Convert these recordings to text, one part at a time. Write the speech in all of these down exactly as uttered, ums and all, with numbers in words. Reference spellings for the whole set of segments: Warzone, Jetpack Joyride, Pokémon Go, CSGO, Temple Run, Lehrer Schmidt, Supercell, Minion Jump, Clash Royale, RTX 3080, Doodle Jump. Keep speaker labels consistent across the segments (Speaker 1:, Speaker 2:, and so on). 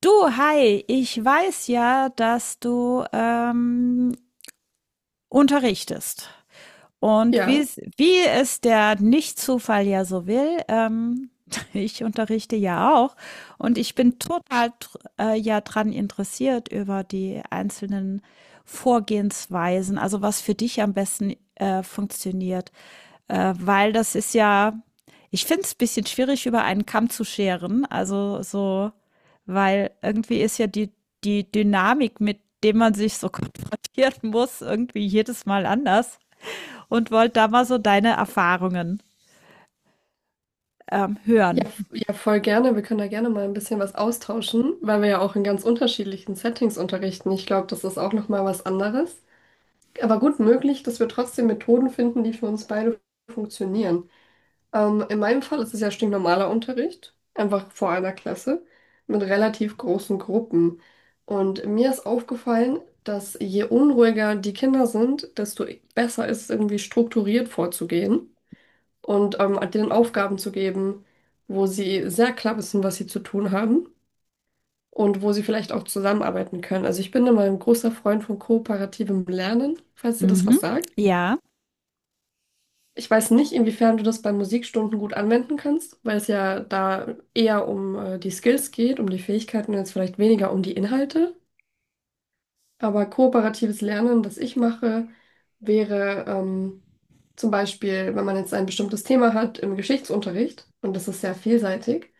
Speaker 1: Du, hi, ich weiß ja, dass du ähm, unterrichtest. Und wie
Speaker 2: Ja,
Speaker 1: es, wie es der Nicht-Zufall ja so will, ähm, ich unterrichte ja auch und ich bin total dr- äh, ja dran interessiert über die einzelnen Vorgehensweisen, also was für dich am besten äh, funktioniert, äh, weil das ist ja, ich finde es ein bisschen schwierig, über einen Kamm zu scheren, also so, weil irgendwie ist ja die, die Dynamik, mit dem man sich so konfrontieren muss, irgendwie jedes Mal anders, und wollte da mal so deine Erfahrungen ähm,
Speaker 2: ja,
Speaker 1: hören.
Speaker 2: f- ja, voll gerne. Wir können da gerne mal ein bisschen was austauschen, weil wir ja auch in ganz unterschiedlichen Settings unterrichten. Ich glaube, das ist auch noch mal was anderes. Aber gut möglich, dass wir trotzdem Methoden finden, die für uns beide funktionieren. Ähm, in meinem Fall ist es ja stinknormaler Unterricht, einfach vor einer Klasse mit relativ großen Gruppen. Und mir ist aufgefallen, dass je unruhiger die Kinder sind, desto besser ist es irgendwie strukturiert vorzugehen. Und ähm, halt denen Aufgaben zu geben, wo sie sehr klar wissen, was sie zu tun haben und wo sie vielleicht auch zusammenarbeiten können. Also ich bin immer ein großer Freund von kooperativem Lernen, falls dir das
Speaker 1: Mhm.
Speaker 2: was sagt.
Speaker 1: Ja.
Speaker 2: Ich weiß nicht, inwiefern du das bei Musikstunden gut anwenden kannst, weil es ja da eher um äh, die Skills geht, um die Fähigkeiten und jetzt vielleicht weniger um die Inhalte. Aber kooperatives Lernen, das ich mache, wäre ähm, zum Beispiel, wenn man jetzt ein bestimmtes Thema hat im Geschichtsunterricht und das ist sehr vielseitig,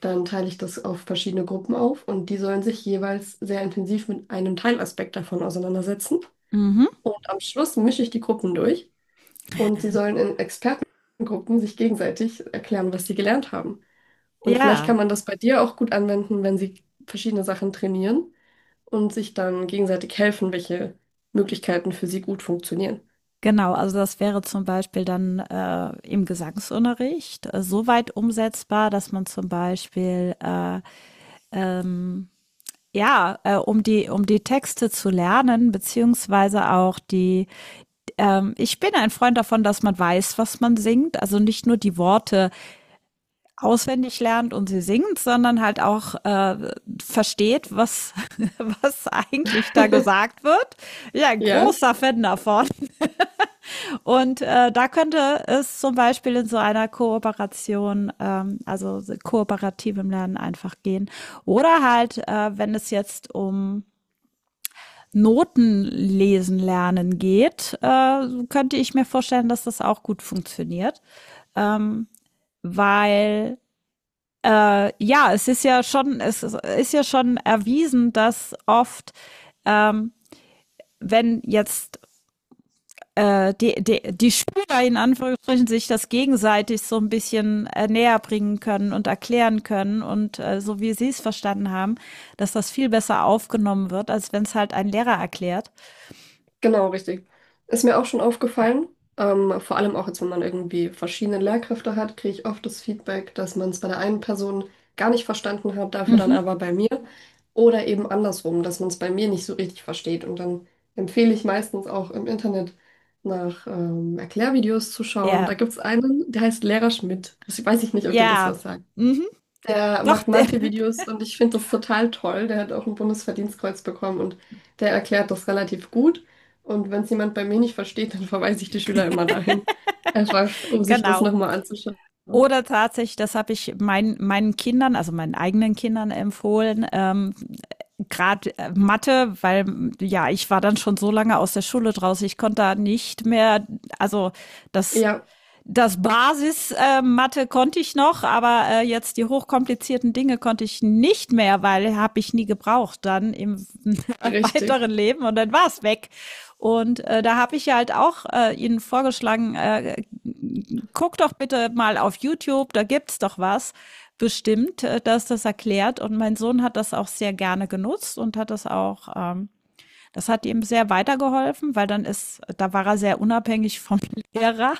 Speaker 2: dann teile ich das auf verschiedene Gruppen auf und die sollen sich jeweils sehr intensiv mit einem Teilaspekt davon auseinandersetzen.
Speaker 1: Mhm.
Speaker 2: Und am Schluss mische ich die Gruppen durch und sie sollen in Expertengruppen sich gegenseitig erklären, was sie gelernt haben. Und vielleicht kann
Speaker 1: Ja,
Speaker 2: man das bei dir auch gut anwenden, wenn sie verschiedene Sachen trainieren und sich dann gegenseitig helfen, welche Möglichkeiten für sie gut funktionieren.
Speaker 1: genau. Also das wäre zum Beispiel dann äh, im Gesangsunterricht äh, so weit umsetzbar, dass man zum Beispiel äh, ja, äh, um die um die Texte zu lernen, beziehungsweise auch die. Ähm, ich bin ein Freund davon, dass man weiß, was man singt. Also nicht nur die Worte auswendig lernt und sie singt, sondern halt auch äh, versteht, was, was eigentlich da gesagt wird. Ja, ein
Speaker 2: Ja.
Speaker 1: großer Fan davon. Und äh, da könnte es zum Beispiel in so einer Kooperation, ähm, also kooperativem Lernen, einfach gehen. Oder halt, äh, wenn es jetzt um Noten lesen lernen geht, äh, könnte ich mir vorstellen, dass das auch gut funktioniert. Ähm, weil Äh, ja, es ist ja schon, es ist, ja schon erwiesen, dass oft, ähm, wenn jetzt äh, die, die, die Schüler in Anführungsstrichen sich das gegenseitig so ein bisschen äh, näher bringen können und erklären können und äh, so wie sie es verstanden haben, dass das viel besser aufgenommen wird, als wenn es halt ein Lehrer erklärt.
Speaker 2: Genau, richtig. Ist mir auch schon aufgefallen. Ähm, vor allem auch jetzt, wenn man irgendwie verschiedene Lehrkräfte hat, kriege ich oft das Feedback, dass man es bei der einen Person gar nicht verstanden hat, dafür dann
Speaker 1: Mhm.
Speaker 2: aber bei mir. Oder eben andersrum, dass man es bei mir nicht so richtig versteht. Und dann empfehle ich meistens auch im Internet nach ähm, Erklärvideos zu schauen.
Speaker 1: Ja,
Speaker 2: Da gibt es einen, der heißt Lehrer Schmidt. Das weiß ich nicht, ob dir das
Speaker 1: ja,
Speaker 2: was sagt.
Speaker 1: mhm.
Speaker 2: Der
Speaker 1: Doch.
Speaker 2: macht Mathe-Videos und ich finde das total toll. Der hat auch ein Bundesverdienstkreuz bekommen und der erklärt das relativ gut. Und wenn es jemand bei mir nicht versteht, dann verweise ich die Schüler immer dahin. Einfach, um sich das
Speaker 1: Genau.
Speaker 2: nochmal anzuschauen.
Speaker 1: Oder tatsächlich, das habe ich mein, meinen Kindern, also meinen eigenen Kindern, empfohlen, ähm, gerade Mathe, weil ja, ich war dann schon so lange aus der Schule draußen, ich konnte da nicht mehr, also das
Speaker 2: Ja,
Speaker 1: das Basis-Mathe äh, konnte ich noch, aber äh, jetzt die hochkomplizierten Dinge konnte ich nicht mehr, weil habe ich nie gebraucht dann im
Speaker 2: richtig.
Speaker 1: weiteren Leben, und dann war es weg. Und äh, da habe ich ja halt auch äh, Ihnen vorgeschlagen, äh, guck doch bitte mal auf YouTube, da gibt's doch was bestimmt, äh, dass das erklärt. Und mein Sohn hat das auch sehr gerne genutzt und hat das auch, ähm, das hat ihm sehr weitergeholfen, weil dann ist, da war er sehr unabhängig vom Lehrer,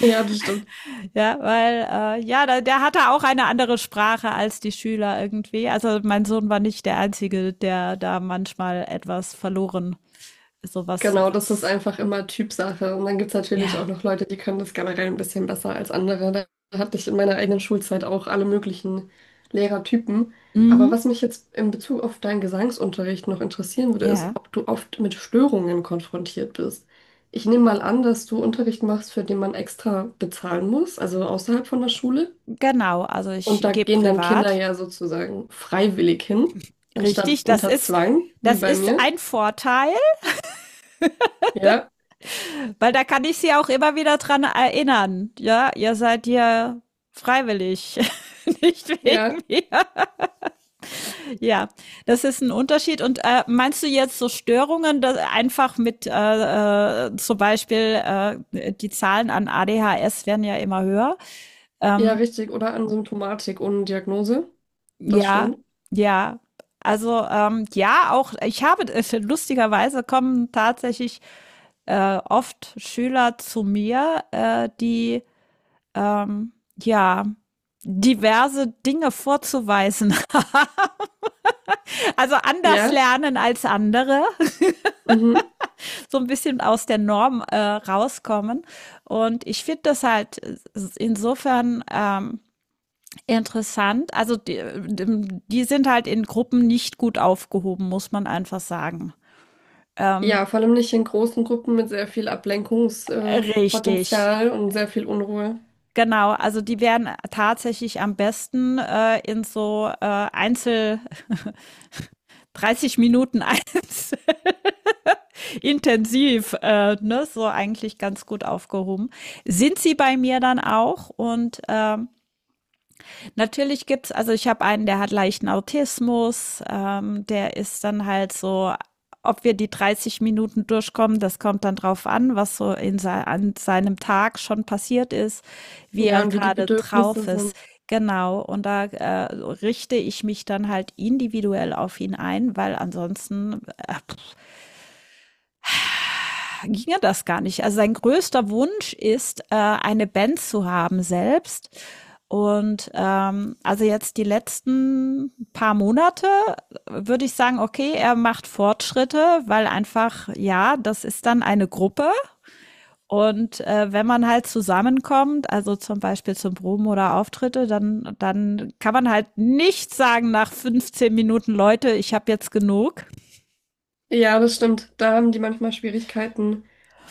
Speaker 2: Ja, das stimmt.
Speaker 1: ja, weil äh, ja, da, der hatte auch eine andere Sprache als die Schüler irgendwie. Also mein Sohn war nicht der einzige, der da manchmal etwas verloren, so was,
Speaker 2: Genau, das ist
Speaker 1: was,
Speaker 2: einfach immer Typsache. Und dann gibt es natürlich auch
Speaker 1: ja,
Speaker 2: noch Leute, die können das generell ein bisschen besser als andere. Da hatte ich in meiner eigenen Schulzeit auch alle möglichen Lehrertypen. Aber
Speaker 1: mhm.
Speaker 2: was mich jetzt in Bezug auf deinen Gesangsunterricht noch interessieren würde, ist,
Speaker 1: Ja,
Speaker 2: ob du oft mit Störungen konfrontiert bist. Ich nehme mal an, dass du Unterricht machst, für den man extra bezahlen muss, also außerhalb von der Schule.
Speaker 1: genau. Also
Speaker 2: Und
Speaker 1: ich
Speaker 2: da
Speaker 1: gebe
Speaker 2: gehen dann Kinder
Speaker 1: privat.
Speaker 2: ja sozusagen freiwillig hin, anstatt
Speaker 1: Richtig, das
Speaker 2: unter
Speaker 1: ist,
Speaker 2: Zwang, wie
Speaker 1: das
Speaker 2: bei
Speaker 1: ist
Speaker 2: mir.
Speaker 1: ein Vorteil,
Speaker 2: Ja,
Speaker 1: weil da kann ich sie auch immer wieder dran erinnern. Ja, ihr seid hier freiwillig, nicht wegen
Speaker 2: ja.
Speaker 1: mir. Ja, das ist ein Unterschied. Und äh, meinst du jetzt so Störungen, dass einfach mit äh, äh, zum Beispiel äh, die Zahlen an A D H S werden ja immer höher?
Speaker 2: Ja,
Speaker 1: Ähm,
Speaker 2: richtig. Oder an Symptomatik ohne Diagnose. Das
Speaker 1: Ja,
Speaker 2: stimmt.
Speaker 1: ja. Also, ähm, ja, auch ich habe äh, lustigerweise kommen tatsächlich äh, oft Schüler zu mir, äh, die ähm, ja, diverse Dinge vorzuweisen. Also anders
Speaker 2: Ja.
Speaker 1: lernen als andere,
Speaker 2: Mhm.
Speaker 1: so ein bisschen aus der Norm äh, rauskommen. Und ich finde das halt äh, insofern ähm, interessant. Also die, die sind halt in Gruppen nicht gut aufgehoben, muss man einfach sagen. Ähm,
Speaker 2: Ja, vor allem nicht in großen Gruppen mit sehr viel Ablenkungspotenzial äh,
Speaker 1: richtig,
Speaker 2: Potenzial und sehr viel Unruhe.
Speaker 1: genau. Also die werden tatsächlich am besten äh, in so äh, Einzel, dreißig Minuten, eins intensiv, äh, ne, so eigentlich ganz gut aufgehoben. Sind sie bei mir dann auch, und ähm, natürlich gibt's, also ich habe einen, der hat leichten Autismus, ähm, der ist dann halt so, ob wir die dreißig Minuten durchkommen, das kommt dann drauf an, was so in sei- an seinem Tag schon passiert ist, wie
Speaker 2: Ja,
Speaker 1: er
Speaker 2: und wie die
Speaker 1: gerade
Speaker 2: Bedürfnisse
Speaker 1: drauf ist.
Speaker 2: sind.
Speaker 1: Genau, und da äh, richte ich mich dann halt individuell auf ihn ein, weil ansonsten äh, ginge das gar nicht. Also sein größter Wunsch ist, äh, eine Band zu haben selbst. Und ähm, also jetzt die letzten paar Monate äh, würde ich sagen, okay, er macht Fortschritte, weil einfach, ja, das ist dann eine Gruppe. Und äh, wenn man halt zusammenkommt, also zum Beispiel zum Proben oder Auftritte, dann, dann kann man halt nicht sagen nach fünfzehn Minuten, Leute, ich habe jetzt genug.
Speaker 2: Ja, das stimmt. Da haben die manchmal Schwierigkeiten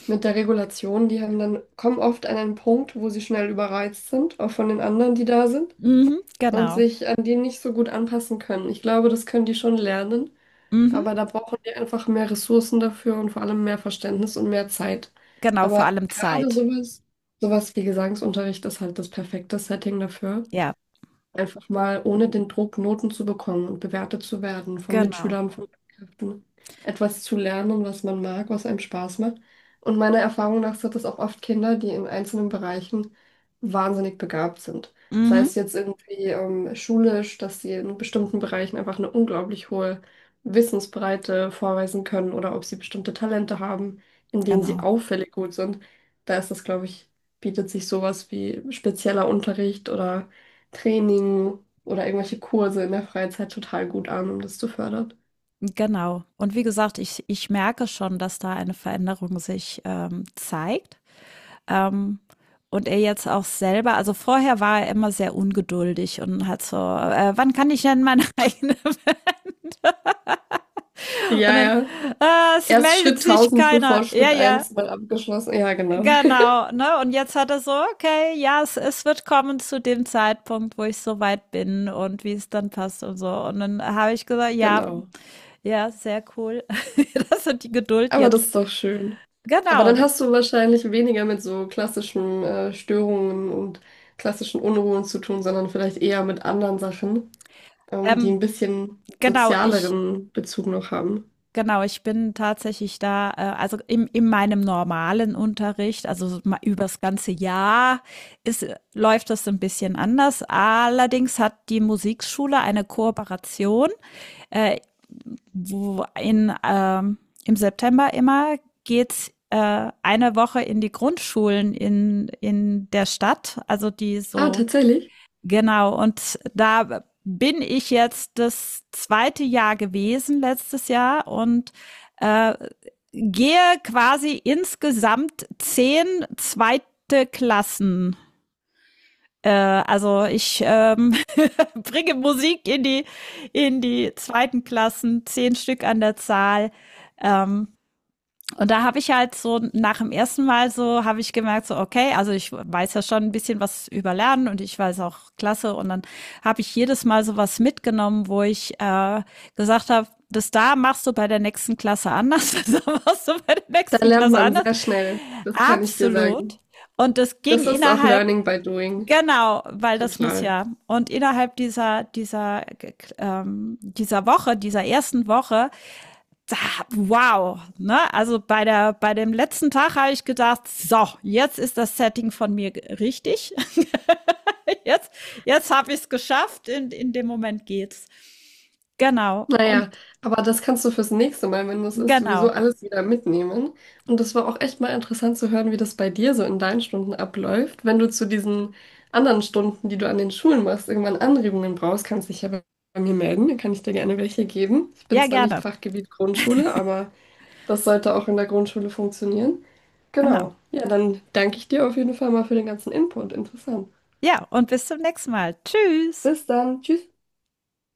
Speaker 2: mit der Regulation. Die haben dann, kommen oft an einen Punkt, wo sie schnell überreizt sind, auch von den anderen, die da sind,
Speaker 1: Mhm,
Speaker 2: und
Speaker 1: genau.
Speaker 2: sich an die nicht so gut anpassen können. Ich glaube, das können die schon lernen.
Speaker 1: Mhm,
Speaker 2: Aber da brauchen wir einfach mehr Ressourcen dafür und vor allem mehr Verständnis und mehr Zeit.
Speaker 1: genau, vor
Speaker 2: Aber
Speaker 1: allem
Speaker 2: gerade
Speaker 1: Zeit.
Speaker 2: sowas, sowas wie Gesangsunterricht ist halt das perfekte Setting dafür.
Speaker 1: Ja.
Speaker 2: Einfach mal ohne den Druck, Noten zu bekommen und bewertet zu werden von
Speaker 1: Genau.
Speaker 2: Mitschülern, von Lehrkräften, etwas zu lernen, was man mag, was einem Spaß macht. Und meiner Erfahrung nach sind das auch oft Kinder, die in einzelnen Bereichen wahnsinnig begabt sind. Sei
Speaker 1: Mhm.
Speaker 2: es jetzt irgendwie ähm, schulisch, dass sie in bestimmten Bereichen einfach eine unglaublich hohe Wissensbreite vorweisen können oder ob sie bestimmte Talente haben, in denen sie
Speaker 1: Genau.
Speaker 2: auffällig gut sind. Da ist das, glaube ich, bietet sich sowas wie spezieller Unterricht oder Training oder irgendwelche Kurse in der Freizeit total gut an, um das zu fördern.
Speaker 1: Genau. Und wie gesagt, ich ich merke schon, dass da eine Veränderung sich, ähm, zeigt, ähm, und er jetzt auch selber, also vorher war er immer sehr ungeduldig und hat so: „Äh, Wann kann ich denn meine eigene“ und
Speaker 2: Ja,
Speaker 1: dann:
Speaker 2: ja.
Speaker 1: „Ah, es
Speaker 2: Erst
Speaker 1: meldet
Speaker 2: Schritt
Speaker 1: sich
Speaker 2: tausend bevor
Speaker 1: keiner. Ja,
Speaker 2: Schritt
Speaker 1: ja,
Speaker 2: eins mal abgeschlossen. Ja, genau.
Speaker 1: genau“, ne? Und jetzt hat er so: „Okay, ja, es es wird kommen zu dem Zeitpunkt, wo ich so weit bin und wie es dann passt und so.“ Und dann habe ich gesagt: „Ja,
Speaker 2: Genau.
Speaker 1: ja, sehr cool.“ Das hat die Geduld
Speaker 2: Aber das
Speaker 1: jetzt.
Speaker 2: ist doch schön. Aber
Speaker 1: Genau.
Speaker 2: dann hast du wahrscheinlich weniger mit so klassischen äh, Störungen und klassischen Unruhen zu tun, sondern vielleicht eher mit anderen Sachen, ähm, die ein
Speaker 1: Ähm,
Speaker 2: bisschen
Speaker 1: genau, ich,
Speaker 2: sozialeren Bezug noch haben.
Speaker 1: genau, ich bin tatsächlich da, äh, also im, in meinem normalen Unterricht, also so ma- übers ganze Jahr ist, läuft das ein bisschen anders. Allerdings hat die Musikschule eine Kooperation, äh, wo in, ähm, im September immer geht's äh, eine Woche in die Grundschulen in, in der Stadt, also die
Speaker 2: Ah,
Speaker 1: so.
Speaker 2: tatsächlich.
Speaker 1: Genau, und da bin ich jetzt das zweite Jahr gewesen, letztes Jahr, und äh, gehe quasi insgesamt zehn zweite Klassen. Äh, also ich ähm, bringe Musik in die in die zweiten Klassen, zehn Stück an der Zahl. Ähm, und da habe ich halt so nach dem ersten Mal so habe ich gemerkt, so okay, also ich weiß ja schon ein bisschen was über Lernen und ich weiß auch klasse, und dann habe ich jedes Mal so was mitgenommen, wo ich äh, gesagt habe, das da machst du bei der nächsten Klasse anders, das da machst du bei der
Speaker 2: Da
Speaker 1: nächsten
Speaker 2: lernt
Speaker 1: Klasse
Speaker 2: man
Speaker 1: anders.
Speaker 2: sehr schnell. Das kann ich dir
Speaker 1: Absolut.
Speaker 2: sagen.
Speaker 1: Und das ging
Speaker 2: Das ist auch
Speaker 1: innerhalb.
Speaker 2: Learning by Doing.
Speaker 1: Genau, weil das muss
Speaker 2: Total.
Speaker 1: ja. Und innerhalb dieser, dieser, ähm, dieser Woche, dieser ersten Woche, wow, ne? Also bei der bei dem letzten Tag habe ich gedacht, so, jetzt ist das Setting von mir richtig. jetzt jetzt habe ich es geschafft, in in dem Moment geht's. Genau. Und
Speaker 2: Naja, aber das kannst du fürs nächste Mal, wenn das ist, sowieso
Speaker 1: genau.
Speaker 2: alles wieder mitnehmen. Und das war auch echt mal interessant zu hören, wie das bei dir so in deinen Stunden abläuft. Wenn du zu diesen anderen Stunden, die du an den Schulen machst, irgendwann Anregungen brauchst, kannst dich ja bei bei mir melden. Dann kann ich dir gerne welche geben. Ich bin
Speaker 1: Ja,
Speaker 2: zwar
Speaker 1: gerne.
Speaker 2: nicht Fachgebiet Grundschule, aber das sollte auch in der Grundschule funktionieren.
Speaker 1: Genau.
Speaker 2: Genau. Ja, dann danke ich dir auf jeden Fall mal für den ganzen Input. Interessant.
Speaker 1: Ja, und bis zum nächsten Mal. Tschüss.
Speaker 2: Bis dann. Tschüss.